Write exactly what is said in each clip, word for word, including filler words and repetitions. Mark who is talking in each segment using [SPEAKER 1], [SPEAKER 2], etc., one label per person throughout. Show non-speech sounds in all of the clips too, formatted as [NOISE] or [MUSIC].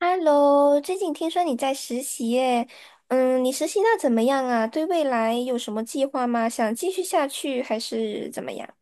[SPEAKER 1] Hello，最近听说你在实习耶，嗯，你实习那怎么样啊？对未来有什么计划吗？想继续下去还是怎么样？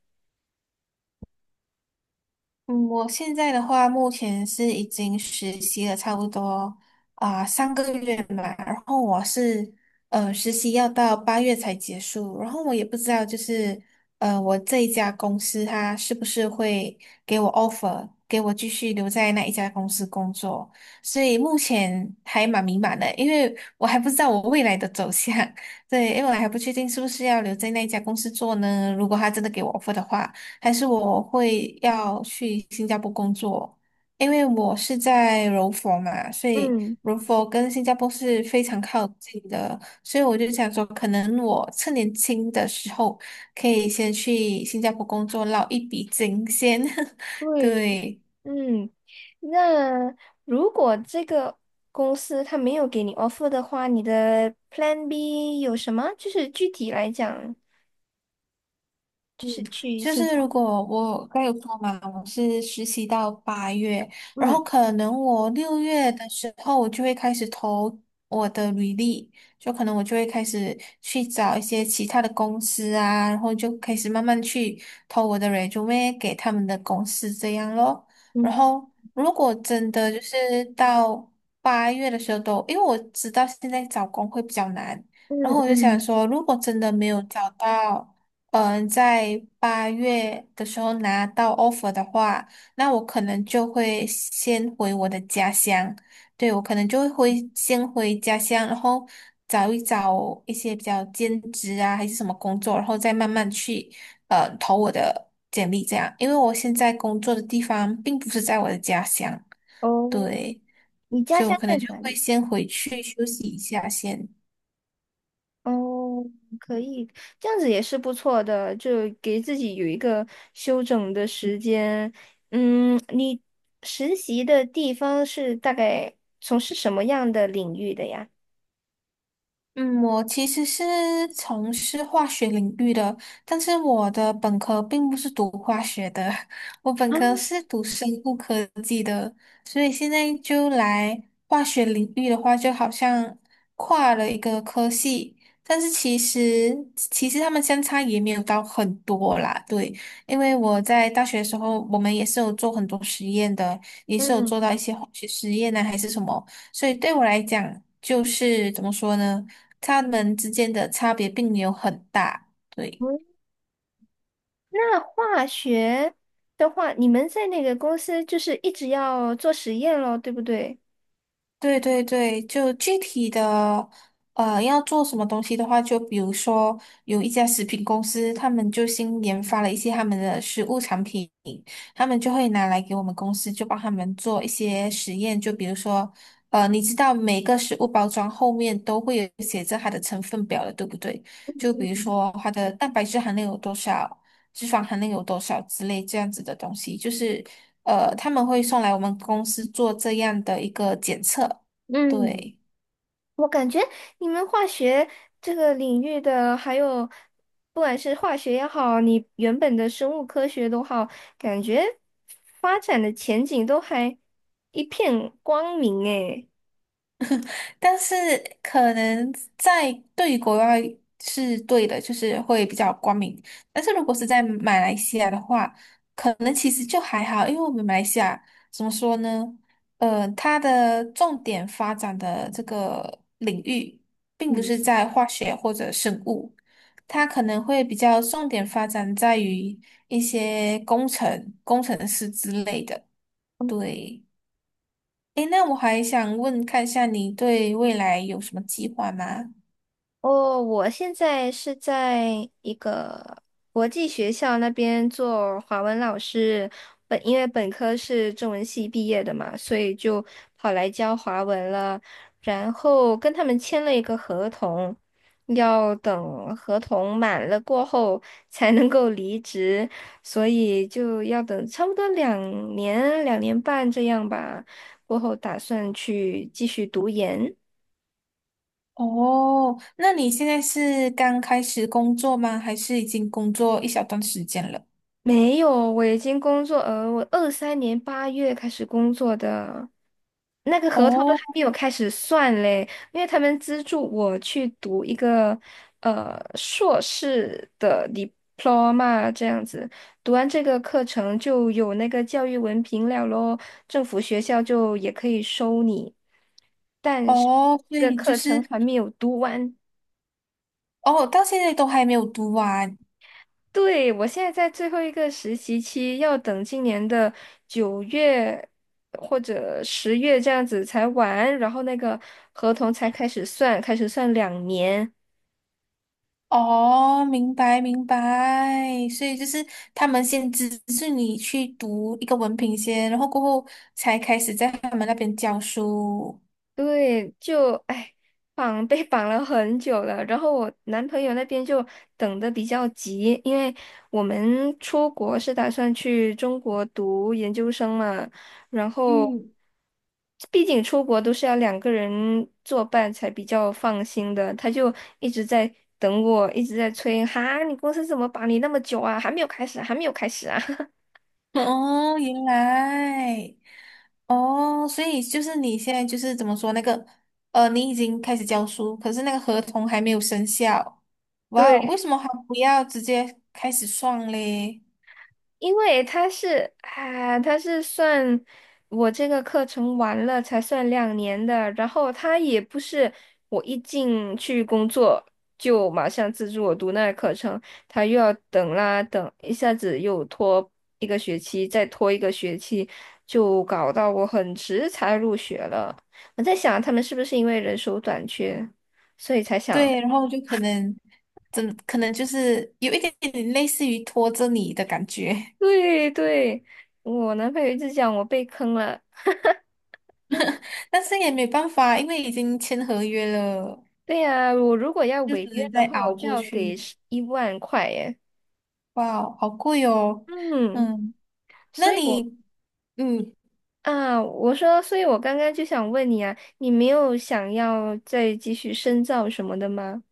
[SPEAKER 2] 嗯，我现在的话，目前是已经实习了差不多啊、三个月嘛，然后我是呃实习要到八月才结束，然后我也不知道就是呃我这一家公司它是不是会给我 offer，给我继续留在那一家公司工作，所以目前还蛮迷茫的，因为我还不知道我未来的走向，[LAUGHS] 对，因为我还不确定是不是要留在那一家公司做呢，如果他真的给我 offer 的话。还是我会要去新加坡工作？因为我是在柔佛嘛，所以
[SPEAKER 1] 嗯，
[SPEAKER 2] 柔佛跟新加坡是非常靠近的，所以我就想说，可能我趁年轻的时候可以先去新加坡工作，捞一笔金先。[LAUGHS]
[SPEAKER 1] 对的，
[SPEAKER 2] 对，
[SPEAKER 1] 嗯，那如果这个公司他没有给你 offer 的话，你的 Plan B 有什么？就是具体来讲，就
[SPEAKER 2] 嗯，
[SPEAKER 1] 是去
[SPEAKER 2] 就
[SPEAKER 1] 新
[SPEAKER 2] 是
[SPEAKER 1] 加
[SPEAKER 2] 如
[SPEAKER 1] 坡。
[SPEAKER 2] 果我刚有说嘛，我是实习到八月，然
[SPEAKER 1] 嗯
[SPEAKER 2] 后可能我六月的时候，我就会开始投我的履历，就可能我就会开始去找一些其他的公司啊，然后就开始慢慢去投我的 resume 给他们的公司这样咯。然
[SPEAKER 1] 嗯
[SPEAKER 2] 后如果真的就是到八月的时候都，因为我知道现在找工会比较难，然
[SPEAKER 1] 嗯
[SPEAKER 2] 后我就想
[SPEAKER 1] 嗯，
[SPEAKER 2] 说，如果真的没有找到。嗯、呃在八月的时候拿到 offer 的话，那我可能就会先回我的家乡。对，我可能就会回先回家乡，然后找一找一些比较兼职啊，还是什么工作，然后再慢慢去呃投我的简历这样。因为我现在工作的地方并不是在我的家乡，
[SPEAKER 1] 哦，
[SPEAKER 2] 对，
[SPEAKER 1] 你家
[SPEAKER 2] 所以我
[SPEAKER 1] 乡
[SPEAKER 2] 可
[SPEAKER 1] 在
[SPEAKER 2] 能就
[SPEAKER 1] 哪
[SPEAKER 2] 会
[SPEAKER 1] 里？
[SPEAKER 2] 先回去休息一下先。
[SPEAKER 1] 哦，可以，这样子也是不错的，就给自己有一个休整的时间。嗯，你实习的地方是大概从事什么样的领域的呀？
[SPEAKER 2] 嗯，我其实是从事化学领域的，但是我的本科并不是读化学的，[LAUGHS] 我本
[SPEAKER 1] 啊，
[SPEAKER 2] 科是读生物科技的，所以现在就来化学领域的话，就好像跨了一个科系，但是其实其实他们相差也没有到很多啦，对，因为我在大学的时候，我们也是有做很多实验的，也是有做
[SPEAKER 1] 嗯。
[SPEAKER 2] 到一些化学实验呢、还是什么。所以对我来讲，就是怎么说呢？他们之间的差别并没有很大。对，
[SPEAKER 1] 嗯，那化学的话，你们在那个公司就是一直要做实验咯，对不对？
[SPEAKER 2] 对对对，就具体的，呃，要做什么东西的话，就比如说有一家食品公司，他们就新研发了一些他们的食物产品，他们就会拿来给我们公司，就帮他们做一些实验，就比如说。呃，你知道每个食物包装后面都会有写着它的成分表的，对不对？就比如说它的蛋白质含量有多少，脂肪含量有多少之类这样子的东西，就是呃他们会送来我们公司做这样的一个检测，
[SPEAKER 1] 嗯，
[SPEAKER 2] 对。
[SPEAKER 1] 我感觉你们化学这个领域的，还有不管是化学也好，你原本的生物科学都好，感觉发展的前景都还一片光明诶。
[SPEAKER 2] 但是可能在对于国外是对的，就是会比较光明。但是如果是在马来西亚的话，可能其实就还好，因为我们马来西亚怎么说呢？呃，它的重点发展的这个领域，并不
[SPEAKER 1] 嗯。
[SPEAKER 2] 是在化学或者生物，它可能会比较重点发展在于一些工程、工程师之类的。对。诶，那我还想问，看一下你对未来有什么计划吗？
[SPEAKER 1] 哦，我现在是在一个国际学校那边做华文老师，本因为本科是中文系毕业的嘛，所以就跑来教华文了。然后跟他们签了一个合同，要等合同满了过后才能够离职，所以就要等差不多两年、两年半这样吧，过后打算去继续读研。
[SPEAKER 2] 哦，那你现在是刚开始工作吗？还是已经工作一小段时间了？
[SPEAKER 1] 没有，我已经工作，呃，我二三年八月开始工作的，那个合同都
[SPEAKER 2] 哦
[SPEAKER 1] 还没有开始算嘞，因为他们资助我去读一个呃硕士的 diploma 这样子，读完这个课程就有那个教育文凭了咯，政府学校就也可以收你，但是
[SPEAKER 2] 哦，所
[SPEAKER 1] 这个
[SPEAKER 2] 以就
[SPEAKER 1] 课
[SPEAKER 2] 是
[SPEAKER 1] 程还没有读完。
[SPEAKER 2] 哦，到现在都还没有读完。
[SPEAKER 1] 对，我现在在最后一个实习期，要等今年的九月或者十月这样子才完，然后那个合同才开始算，开始算两年。
[SPEAKER 2] 哦，明白明白，所以就是他们先资助你去读一个文凭先，然后过后才开始在他们那边教书。
[SPEAKER 1] 对，就哎，绑 [LAUGHS] 被绑了很久了。然后我男朋友那边就等的比较急，因为我们出国是打算去中国读研究生嘛，然后
[SPEAKER 2] 嗯，
[SPEAKER 1] 毕竟出国都是要两个人作伴才比较放心的，他就一直在等我，一直在催，哈，你公司怎么绑你那么久啊？还没有开始啊还没有开始啊？
[SPEAKER 2] [LAUGHS] 哦，原来，哦，所以就是你现在就是怎么说那个，呃，你已经开始教书，可是那个合同还没有生效。
[SPEAKER 1] [LAUGHS]
[SPEAKER 2] 哇哦，为
[SPEAKER 1] 对。
[SPEAKER 2] 什么还不要直接开始算嘞？
[SPEAKER 1] 因为他是啊，他是算我这个课程完了才算两年的，然后他也不是我一进去工作就马上资助我读那个课程，他又要等啦等，一下子又拖一个学期，再拖一个学期，就搞到我很迟才入学了。我在想他们是不是因为人手短缺，所以才想，
[SPEAKER 2] 对，然后就可能，怎可能就是有一点点类似于拖着你的感觉，
[SPEAKER 1] 对对，我男朋友一直讲我被坑了。
[SPEAKER 2] [LAUGHS] 但是也没办法，因为已经签合约了，
[SPEAKER 1] 对呀，我如果要
[SPEAKER 2] 就只
[SPEAKER 1] 违约
[SPEAKER 2] 能
[SPEAKER 1] 的
[SPEAKER 2] 再
[SPEAKER 1] 话，我
[SPEAKER 2] 熬
[SPEAKER 1] 就
[SPEAKER 2] 过
[SPEAKER 1] 要给
[SPEAKER 2] 去。
[SPEAKER 1] 十一万块耶。
[SPEAKER 2] 哇哦好贵哦。
[SPEAKER 1] 嗯，
[SPEAKER 2] 嗯，那
[SPEAKER 1] 所以我
[SPEAKER 2] 你？嗯，
[SPEAKER 1] 啊，我说，所以我刚刚就想问你啊，你没有想要再继续深造什么的吗？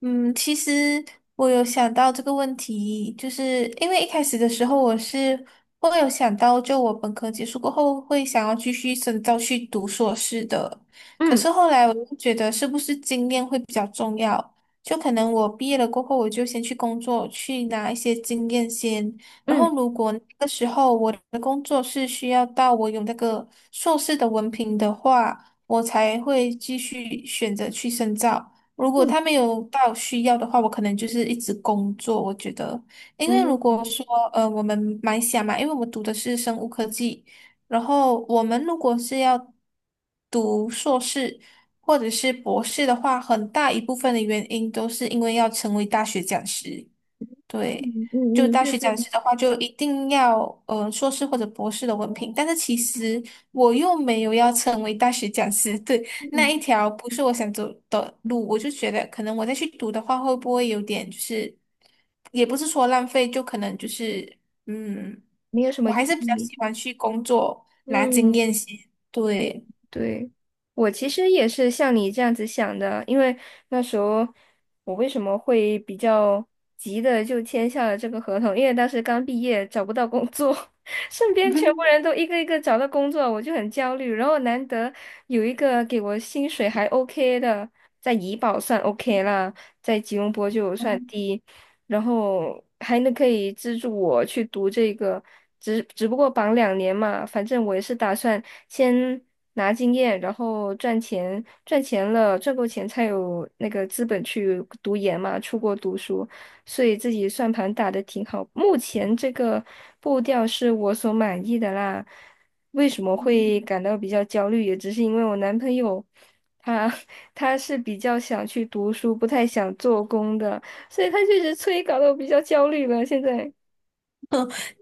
[SPEAKER 2] 嗯，其实我有想到这个问题，就是因为一开始的时候我是会有想到，就我本科结束过后会想要继续深造去读硕士的，可
[SPEAKER 1] 嗯
[SPEAKER 2] 是后来我就觉得是不是经验会比较重要，就可能我毕业了过后我就先去工作，去拿一些经验先，然后
[SPEAKER 1] 嗯
[SPEAKER 2] 如果那个时候我的工作是需要到我有那个硕士的文凭的话，我才会继续选择去深造。如果
[SPEAKER 1] 嗯
[SPEAKER 2] 他没有到需要的话，我可能就是一直工作。我觉得，因为如果
[SPEAKER 1] 嗯
[SPEAKER 2] 说呃，我们马来西亚嘛，因为我们读的是生物科技，然后我们如果是要读硕士或者是博士的话，很大一部分的原因都是因为要成为大学讲师。对，
[SPEAKER 1] 嗯
[SPEAKER 2] 就
[SPEAKER 1] 嗯嗯，
[SPEAKER 2] 大
[SPEAKER 1] 对
[SPEAKER 2] 学
[SPEAKER 1] 对，
[SPEAKER 2] 讲师的话，就一定要呃硕士或者博士的文凭。但是其实我又没有要成为大学讲师，[LAUGHS] 对，那
[SPEAKER 1] 嗯，
[SPEAKER 2] 一条不是我想走的路，我就觉得可能我再去读的话，会不会有点就是，也不是说浪费，就可能就是嗯，
[SPEAKER 1] 没有什么
[SPEAKER 2] 我还
[SPEAKER 1] 意
[SPEAKER 2] 是比较
[SPEAKER 1] 义。
[SPEAKER 2] 喜欢去工作拿经
[SPEAKER 1] 嗯。
[SPEAKER 2] 验先，对。
[SPEAKER 1] 对，我其实也是像你这样子想的，因为那时候我为什么会比较急的就签下了这个合同？因为当时刚毕业，找不到工作，[LAUGHS] 身边全部人
[SPEAKER 2] [LAUGHS]
[SPEAKER 1] 都一个一个找到工作，我就很焦虑。然后难得有一个给我薪水还 OK 的，在怡保算 OK 啦，在吉隆坡就算低，然后还能可以资助我去读这个，只只不过绑两年嘛，反正我也是打算先。拿经验，然后赚钱，赚钱了，赚够钱才有那个资本去读研嘛，出国读书，所以自己算盘打得挺好。目前这个步调是我所满意的啦。为什么会感到比较焦虑，也只是因为我男朋友他 [LAUGHS] 他是比较想去读书，不太想做工的，所以他确实催搞得我比较焦虑了。现在，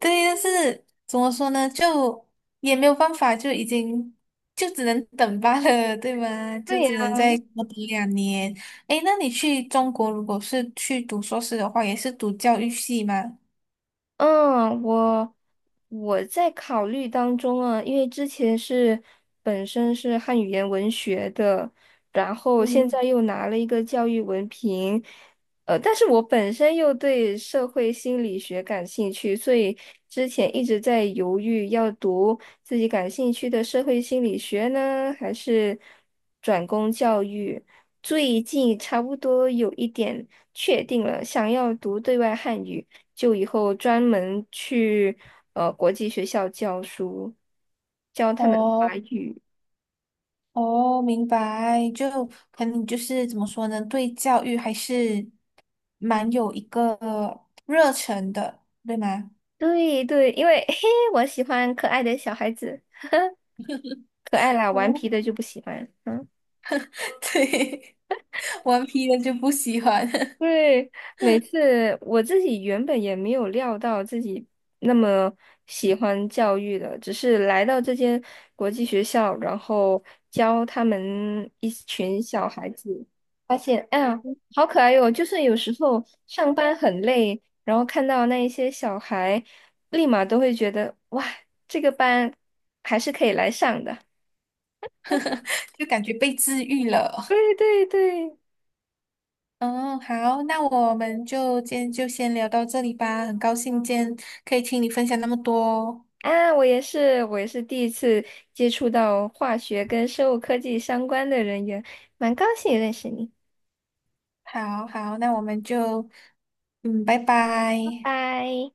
[SPEAKER 2] 对，但是怎么说呢，就也没有办法，就已经就只能等罢了，对吗？就
[SPEAKER 1] 对
[SPEAKER 2] 只
[SPEAKER 1] 呀，
[SPEAKER 2] 能再多等两年。诶，那你去中国，如果是去读硕士的话，也是读教育系吗？
[SPEAKER 1] 嗯，我我在考虑当中啊，因为之前是本身是汉语言文学的，然后现
[SPEAKER 2] 嗯。
[SPEAKER 1] 在又拿了一个教育文凭，呃，但是我本身又对社会心理学感兴趣，所以之前一直在犹豫要读自己感兴趣的社会心理学呢，还是转攻教育。最近差不多有一点确定了，想要读对外汉语。就以后专门去呃国际学校教书，教他们
[SPEAKER 2] 哦
[SPEAKER 1] 华语。
[SPEAKER 2] 哦，明白，就可能就是怎么说呢，对教育还是蛮有一个热忱的，对吗？
[SPEAKER 1] 对对，因为嘿，我喜欢可爱的小孩子，可爱啦，顽
[SPEAKER 2] 哦，
[SPEAKER 1] 皮的就不喜欢。嗯。
[SPEAKER 2] [LAUGHS] 对，顽皮的就不喜欢，
[SPEAKER 1] 对，每次我自己原本也没有料到自己那么喜欢教育的，只是来到这间国际学校，然后教他们一群小孩子，发现，哎呀，好可爱哟！就是有时候上班很累，然后看到那一些小孩，立马都会觉得，哇，这个班还是可以来上的。
[SPEAKER 2] [LAUGHS] 就感觉被治愈了。
[SPEAKER 1] 对对对。
[SPEAKER 2] 嗯，好，那我们就今天就先聊到这里吧。很高兴今天可以听你分享那么多哦。
[SPEAKER 1] 啊，我也是，我也是第一次接触到化学跟生物科技相关的人员，蛮高兴认识你，
[SPEAKER 2] 好好，那我们就，嗯，拜
[SPEAKER 1] 拜
[SPEAKER 2] 拜。
[SPEAKER 1] 拜。